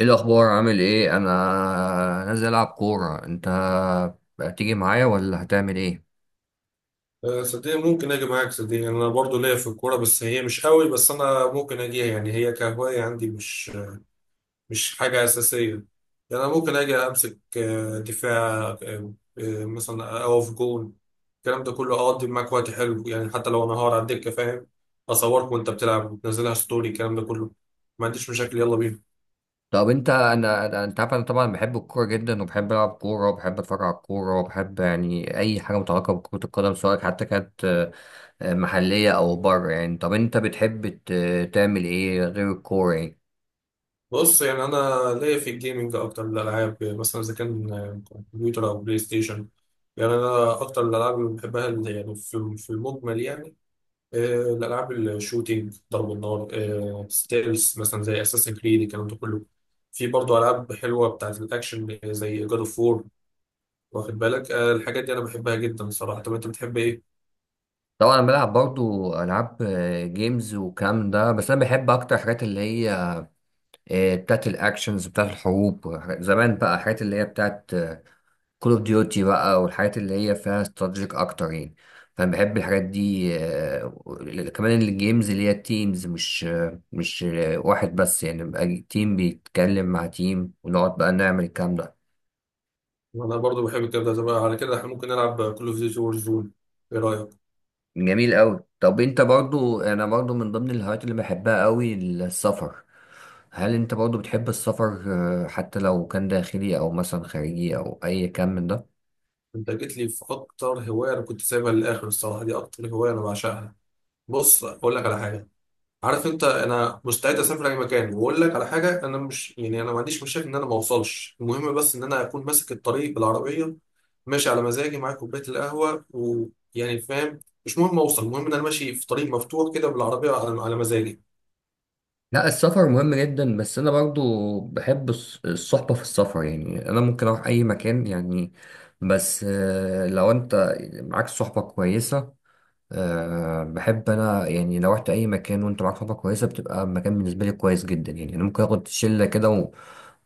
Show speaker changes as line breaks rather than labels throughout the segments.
ايه الاخبار؟ عامل ايه؟ انا نازل العب كوره، انت هتيجي معايا ولا هتعمل ايه؟
صدقني ممكن اجي معاك. صدقني انا برضو ليا في الكوره، بس هي مش قوي. بس انا ممكن اجيها، يعني هي كهوايه عندي، مش حاجه اساسيه. يعني انا ممكن اجي امسك دفاع، مثلا اقف جون، الكلام ده كله، اقضي معاك وقت حلو. يعني حتى لو انا هقعد على الدكه، فاهم، اصورك وانت بتلعب وتنزلها ستوري، الكلام ده كله، ما عنديش مشاكل، يلا بينا.
طب انت، انت عارف انا طبعا بحب الكوره جدا، وبحب العب كوره، وبحب اتفرج على الكوره، وبحب يعني اي حاجه متعلقه بكره القدم، سواء حتى كانت محليه او بره يعني. طب انت بتحب تعمل ايه غير الكوره يعني؟
بص يعني انا ليا في الجيمنج اكتر من الالعاب. مثلا اذا كان كمبيوتر او بلاي ستيشن، يعني انا اكتر الالعاب اللي بحبها اللي يعني في المجمل، يعني آه، الالعاب الشوتينج، ضرب النار، ستيلز مثلا زي اساسن كريد، الكلام ده كله. في برضه العاب حلوه بتاعت الاكشن، زي جاد اوف وور، واخد بالك؟ الحاجات دي انا بحبها جدا صراحه. طب انت بتحب ايه؟
طبعا انا بلعب برضو العاب جيمز والكلام ده، بس انا بحب اكتر حاجات اللي هي بتاعت الاكشنز، بتاعت الحروب زمان بقى، حاجات اللي هي بتاعت كول اوف ديوتي بقى، والحاجات اللي هي فيها استراتيجيك اكتر يعني. فانا بحب الحاجات دي. كمان الجيمز اللي هي تيمز، مش واحد بس، يعني بقى تيم بيتكلم مع تيم ونقعد بقى نعمل الكلام ده.
انا برضه بحب الكلام ده. طب على كده احنا ممكن نلعب كل اوف ديوتي وور زون، ايه رايك؟
جميل قوي. طب انت برضو، انا برضو من ضمن الهوايات اللي بحبها قوي السفر. هل انت برضو بتحب السفر، حتى لو كان داخلي او مثلا خارجي او اي كان من ده؟
انت جيت لي في اكتر هوايه انا كنت سايبها للاخر الصراحه. دي اكتر هوايه انا بعشقها. بص اقول لك على حاجه، عارف انت، انا مستعد اسافر اي مكان. واقول لك على حاجه، انا مش، يعني انا ما عنديش مشاكل ان انا ما اوصلش. المهم بس ان انا اكون ماسك الطريق بالعربيه، ماشي على مزاجي، معايا كوبايه القهوه، ويعني فاهم، مش مهم اوصل، المهم ان انا ماشي في طريق مفتوح كده بالعربيه على مزاجي.
لا، السفر مهم جدا، بس انا برضو بحب الصحبة في السفر. يعني انا ممكن اروح اي مكان يعني، بس لو انت معاك صحبة كويسة. بحب انا يعني لو رحت اي مكان وانت معاك صحبة كويسة، بتبقى المكان بالنسبة لي كويس جدا. يعني انا ممكن اخد شلة كده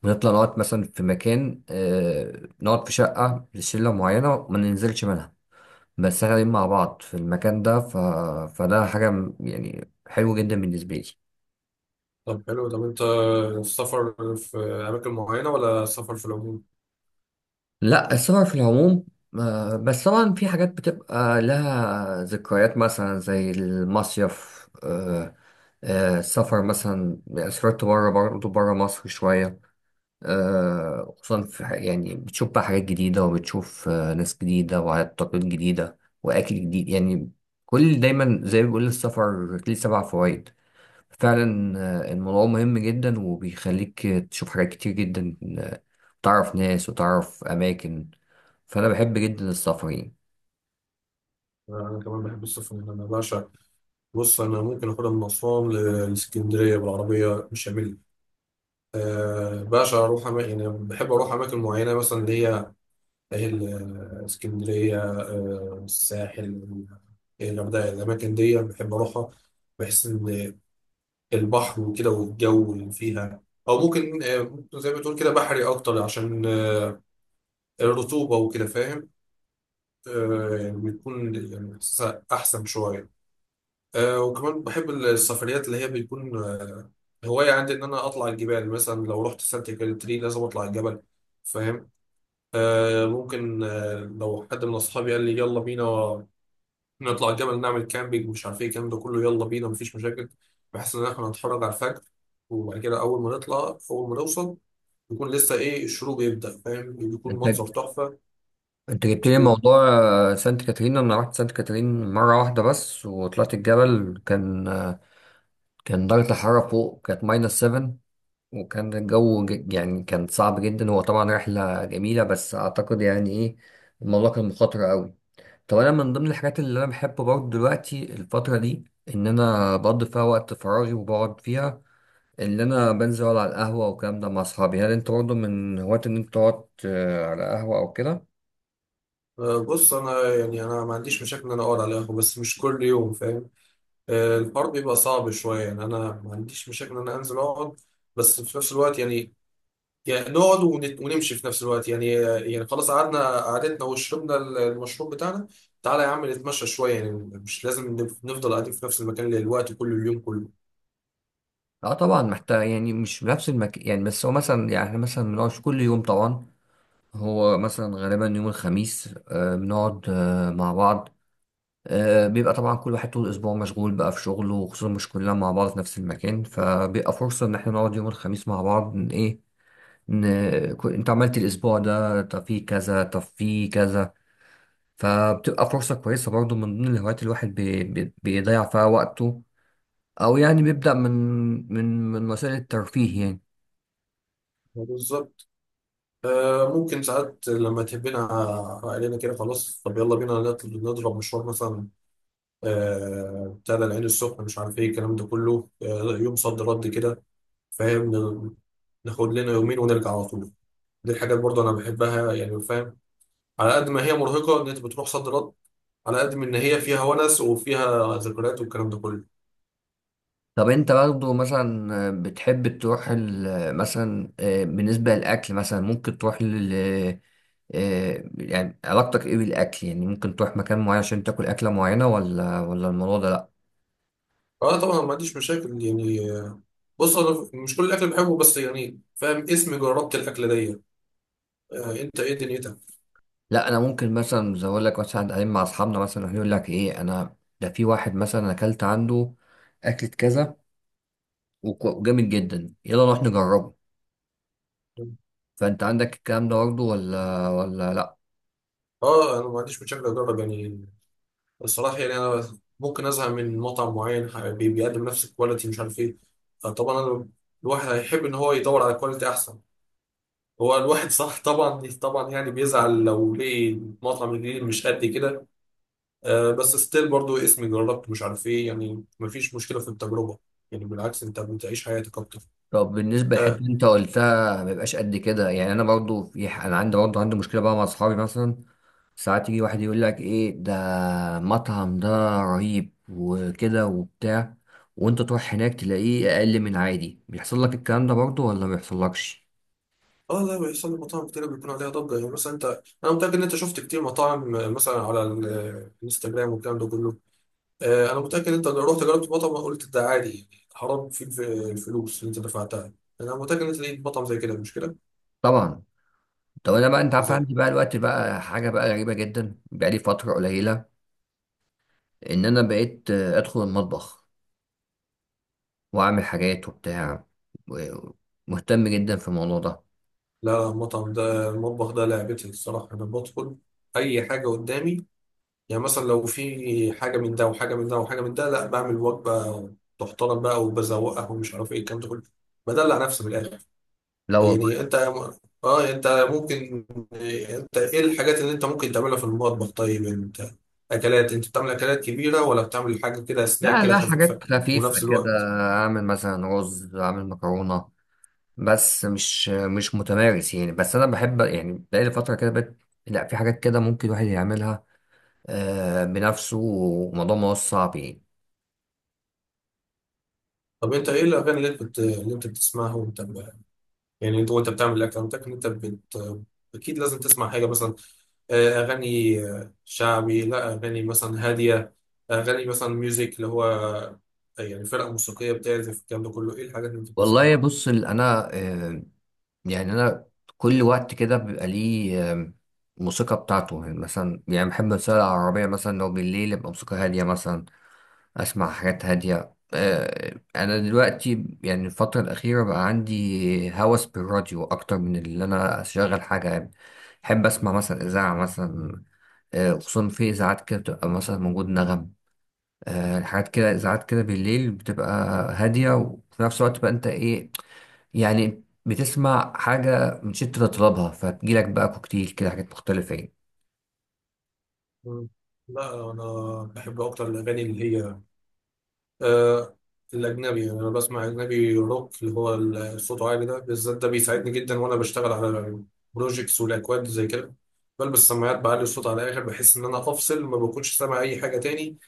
ونطلع نقعد مثلا في مكان، نقعد في شقة لشلة معينة وما ننزلش منها، بس احنا قاعدين مع بعض في المكان ده فده حاجة يعني حلوة جدا بالنسبة لي.
طب حلو. طب انت السفر في اماكن معينه ولا سفر في العموم؟
لا، السفر في العموم، بس طبعا في حاجات بتبقى لها ذكريات مثلا زي المصيف. السفر مثلا، سافرت بره، برضه بره مصر شوية، خصوصا في يعني بتشوف بقى حاجات جديدة، وبتشوف ناس جديدة وعادات تقاليد جديدة وأكل جديد يعني. كل دايما زي ما بيقول السفر ليه سبع فوائد فعلا. الموضوع مهم جدا، وبيخليك تشوف حاجات كتير جدا، وتعرف ناس وتعرف أماكن. فأنا بحب جدا السفر يعني.
انا كمان بحب السفر، انا بعشق. بص انا ممكن اخدها من اسوان لاسكندريه بالعربيه، مش هعمل أه باشا اروح يعني بحب اروح اماكن معينه، مثلا اللي هي اهل، اسكندريه، أه الساحل، الغردقه. الاماكن دي بحب اروحها. بحس ان البحر وكده والجو اللي فيها، او ممكن ممكن زي ما تقول كده بحري اكتر، عشان الرطوبه وكده، فاهم؟ أه يعني بيكون يعني احساسها احسن شويه. وكمان بحب السفريات اللي هي بيكون آه هواية عندي، إن أنا أطلع الجبال. مثلا لو رحت سانت كاترين لازم أطلع الجبل، فاهم؟ آه ممكن، آه لو حد من أصحابي قال لي يلا بينا نطلع الجبل، نعمل كامبينج، مش عارف إيه الكلام ده كله، يلا بينا مفيش مشاكل. بحيث إن إحنا نتفرج على الفجر، وبعد كده أول ما نطلع أول ما نوصل، يكون لسه إيه، الشروق يبدأ، فاهم، يكون
أنت
منظر تحفة.
جبت لي
و-
موضوع، سانت كاترين. أنا رحت سانت كاترين مرة واحدة بس، وطلعت الجبل، كان كان درجة الحرارة فوق كانت ماينس 7، وكان الجو يعني كان صعب جدا. هو طبعا رحلة جميلة، بس أعتقد يعني إيه، الموضوع كان مخاطر أوي. طب انا من ضمن الحاجات اللي انا بحبه برضه دلوقتي الفتره دي، ان انا بقضي فيها وقت فراغي وبقعد فيها، اللي انا بنزل اقعد على القهوه والكلام ده مع اصحابي. هل انت برضه من هواة ان انت تقعد على قهوه او كده؟
آه بص، أنا يعني أنا ما عنديش مشاكل إن أنا أقعد على القهوة، بس مش كل يوم فاهم. الحوار بيبقى صعب شوية، يعني أنا ما عنديش مشاكل إن أنا أنزل أقعد، بس في نفس الوقت يعني، يعني نقعد ونمشي في نفس الوقت يعني. يعني خلاص قعدنا، قعدتنا وشربنا المشروب بتاعنا، تعالى يا عم نتمشى شوية، يعني مش لازم نفضل قاعدين في نفس المكان للوقت كل اليوم كله.
لا طبعا محتاج، يعني مش بنفس المكان يعني. بس هو مثلا يعني احنا مثلا بنقعد كل يوم طبعا، هو مثلا غالبا يوم الخميس بنقعد مع بعض. بيبقى طبعا كل واحد طول الاسبوع مشغول بقى في شغله، وخصوصا مش كلنا مع بعض في نفس المكان، فبيبقى فرصه ان احنا نقعد يوم الخميس مع بعض. إن ايه، إن انت عملت الاسبوع ده، طب في كذا، طب في كذا. فبتبقى فرصة كويسة برضو من ضمن الهوايات الواحد بي بي بيضيع فيها وقته، او يعني بيبدأ من وسائل الترفيه يعني.
بالظبط. ممكن ساعات لما تهبنا علينا كده، خلاص طب يلا بينا نضرب مشوار مثلا، بتاع ده العين السخنة، مش عارف إيه الكلام ده كله، يوم صد رد كده، فاهم، ناخد لنا يومين ونرجع على طول. دي الحاجات برضه انا بحبها يعني، فاهم، على قد ما هي مرهقه ان انت بتروح صد رد، على قد ما ان هي فيها ونس وفيها ذكريات والكلام ده كله.
طب انت برضو مثلا بتحب تروح مثلا، بالنسبة للأكل مثلا، ممكن تروح لل يعني علاقتك ايه بالأكل؟ يعني ممكن تروح مكان معين عشان تاكل أكلة معينة، ولا الموضوع ده لأ؟
اه طبعا ما عنديش مشاكل يعني. بص انا مش كل الاكل بحبه، بس يعني فاهم اسم جربت الاكله دي. آه، انت ايه دنيتك؟
لا انا ممكن مثلا، زي اقول لك مثلا، قاعدين مع اصحابنا مثلا راح يقول لك ايه، انا ده في واحد مثلا أنا اكلت عنده اكلة كذا، وجامد جدا، يلا نروح نجربه. فانت عندك الكلام ده برضه ولا لا؟
اه انا ما عنديش مشاكل اجرب، يعني الصراحه. يعني انا ممكن ازهق من مطعم معين بيقدم نفس الكواليتي، مش عارف ايه. فطبعا انا الواحد هيحب ان هو يدور على كواليتي احسن، هو الواحد صح. طبعا، طبعا يعني بيزعل لو لقي المطعم الجديد مش قد كده. آه بس ستيل برضو اسمي جربت، مش عارف ايه، يعني مفيش مشكله في التجربه، يعني بالعكس انت بتعيش حياتك اكتر.
طب بالنسبة للحتة
اه،
اللي انت قلتها ما بيبقاش قد كده، يعني انا برضه في انا عندي برضه عندي مشكلة بقى مع اصحابي مثلا، ساعات يجي واحد يقول لك ايه ده، مطعم ده رهيب وكده وبتاع، وانت تروح هناك تلاقيه اقل من عادي. بيحصل لك الكلام ده برضه ولا ما بيحصلكش؟
اه، لا بيحصل لي، مطاعم كتير بيكون عليها ضجه، يعني مثلا انت، انا متاكد ان انت شفت كتير مطاعم، مثلا على الانستجرام والكلام ده كله. آه انا متاكد ان انت لو رحت جربت مطعم قلت ده عادي، يعني حرام فيه الفلوس اللي انت دفعتها. انا متاكد ان انت لقيت مطعم زي كده، مش كده؟
طبعا. طب انا بقى، انت عارف عندي بقى الوقت بقى حاجه بقى غريبه جدا، بقى لي فتره قليله ان انا بقيت ادخل المطبخ واعمل حاجات وبتاع، و- مهتم جدا في الموضوع ده.
لا، لا، المطعم ده المطبخ ده لعبتي الصراحة. أنا بدخل أي حاجة قدامي. يعني مثلا لو في حاجة من ده وحاجة من ده وحاجة من ده، لا بعمل وجبة تحترم بقى، وبزوقها، ومش عارف إيه الكلام ده كله، بدلع نفسي من الآخر.
لا والله.
يعني أه أنت ممكن أنت إيه الحاجات اللي أنت ممكن تعملها في المطبخ؟ طيب أنت أكلات، أنت بتعمل أكلات كبيرة ولا بتعمل حاجة كده سناك
لا
كده
لا،
خفيفة؟
حاجات خفيفه
ونفس
كده.
الوقت،
اعمل مثلا رز، اعمل مكرونه، بس مش متمارس يعني، بس انا بحب، يعني بقى لي فتره كده بقيت. لا في حاجات كده ممكن الواحد يعملها بنفسه، وموضوع ما هو صعب يعني.
طب أنت إيه الأغاني اللي أنت بتسمعها وأنت، يعني انت وانت بتعمل الاكونتك انت اكيد لازم تسمع حاجه مثلا، اغاني شعبي، لا اغاني مثلا هاديه، اغاني مثلا ميوزك اللي هو يعني فرقه موسيقيه بتعزف الكلام ده كله، ايه الحاجات اللي انت بتسمعها؟
والله بص، انا يعني انا كل وقت كده بيبقى ليه موسيقى بتاعته. يعني مثلا، يعني بحب السواقة العربية مثلا، لو بالليل يبقى موسيقى هادية مثلا، اسمع حاجات هادية. انا دلوقتي، يعني الفترة الأخيرة بقى عندي هوس بالراديو اكتر من اللي انا اشغل حاجة يعني. بحب اسمع مثلا اذاعة مثلا، خصوصا في اذاعات كده بتبقى مثلا موجود نغم، حاجات كده، اذاعات كده بالليل بتبقى هادية، وفي نفس الوقت بقى انت ايه، يعني بتسمع حاجة مش انت تطلبها، فتجيلك بقى كوكتيل كده، حاجات مختلفة يعني.
مم. لا انا بحب اكتر الاغاني اللي هي آه الاجنبي. يعني انا بسمع اجنبي روك اللي هو الصوت عالي ده بالذات، ده بيساعدني جدا وانا بشتغل على بروجيكتس والاكواد زي كده. بلبس السماعات، بعلي الصوت على الاخر، بحس ان انا افصل، ما بكونش سامع اي حاجه تاني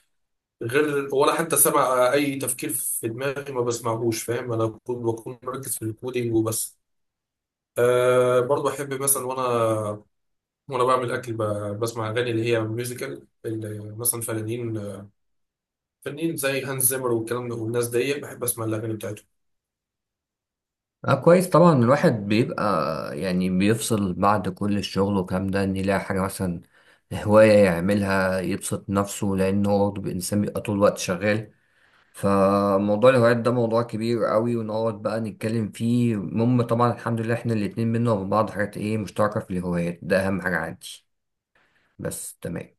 غير، ولا حتى سمع اي تفكير في دماغي ما بسمعهوش، فاهم، انا بكون مركز في الكودينج وبس. أه برضه احب مثلا وانا، بعمل اكل بسمع اغاني اللي هي ميوزيكال، اللي مثلا فنانين زي هانز زيمر والكلام ده، والناس دي بحب اسمع الاغاني بتاعتهم.
اه كويس، طبعا الواحد بيبقى، يعني بيفصل بعد كل الشغل والكلام ده، ان يلاقي حاجة مثلا هواية يعملها يبسط نفسه، لأنه هو برضه إنسان بيبقى طول الوقت شغال. فموضوع الهوايات ده موضوع كبير قوي، ونقعد بقى نتكلم فيه. المهم طبعا الحمد لله احنا الاتنين بينا وبين بعض حاجات ايه مشتركة في الهوايات، ده أهم حاجة عندي بس. تمام.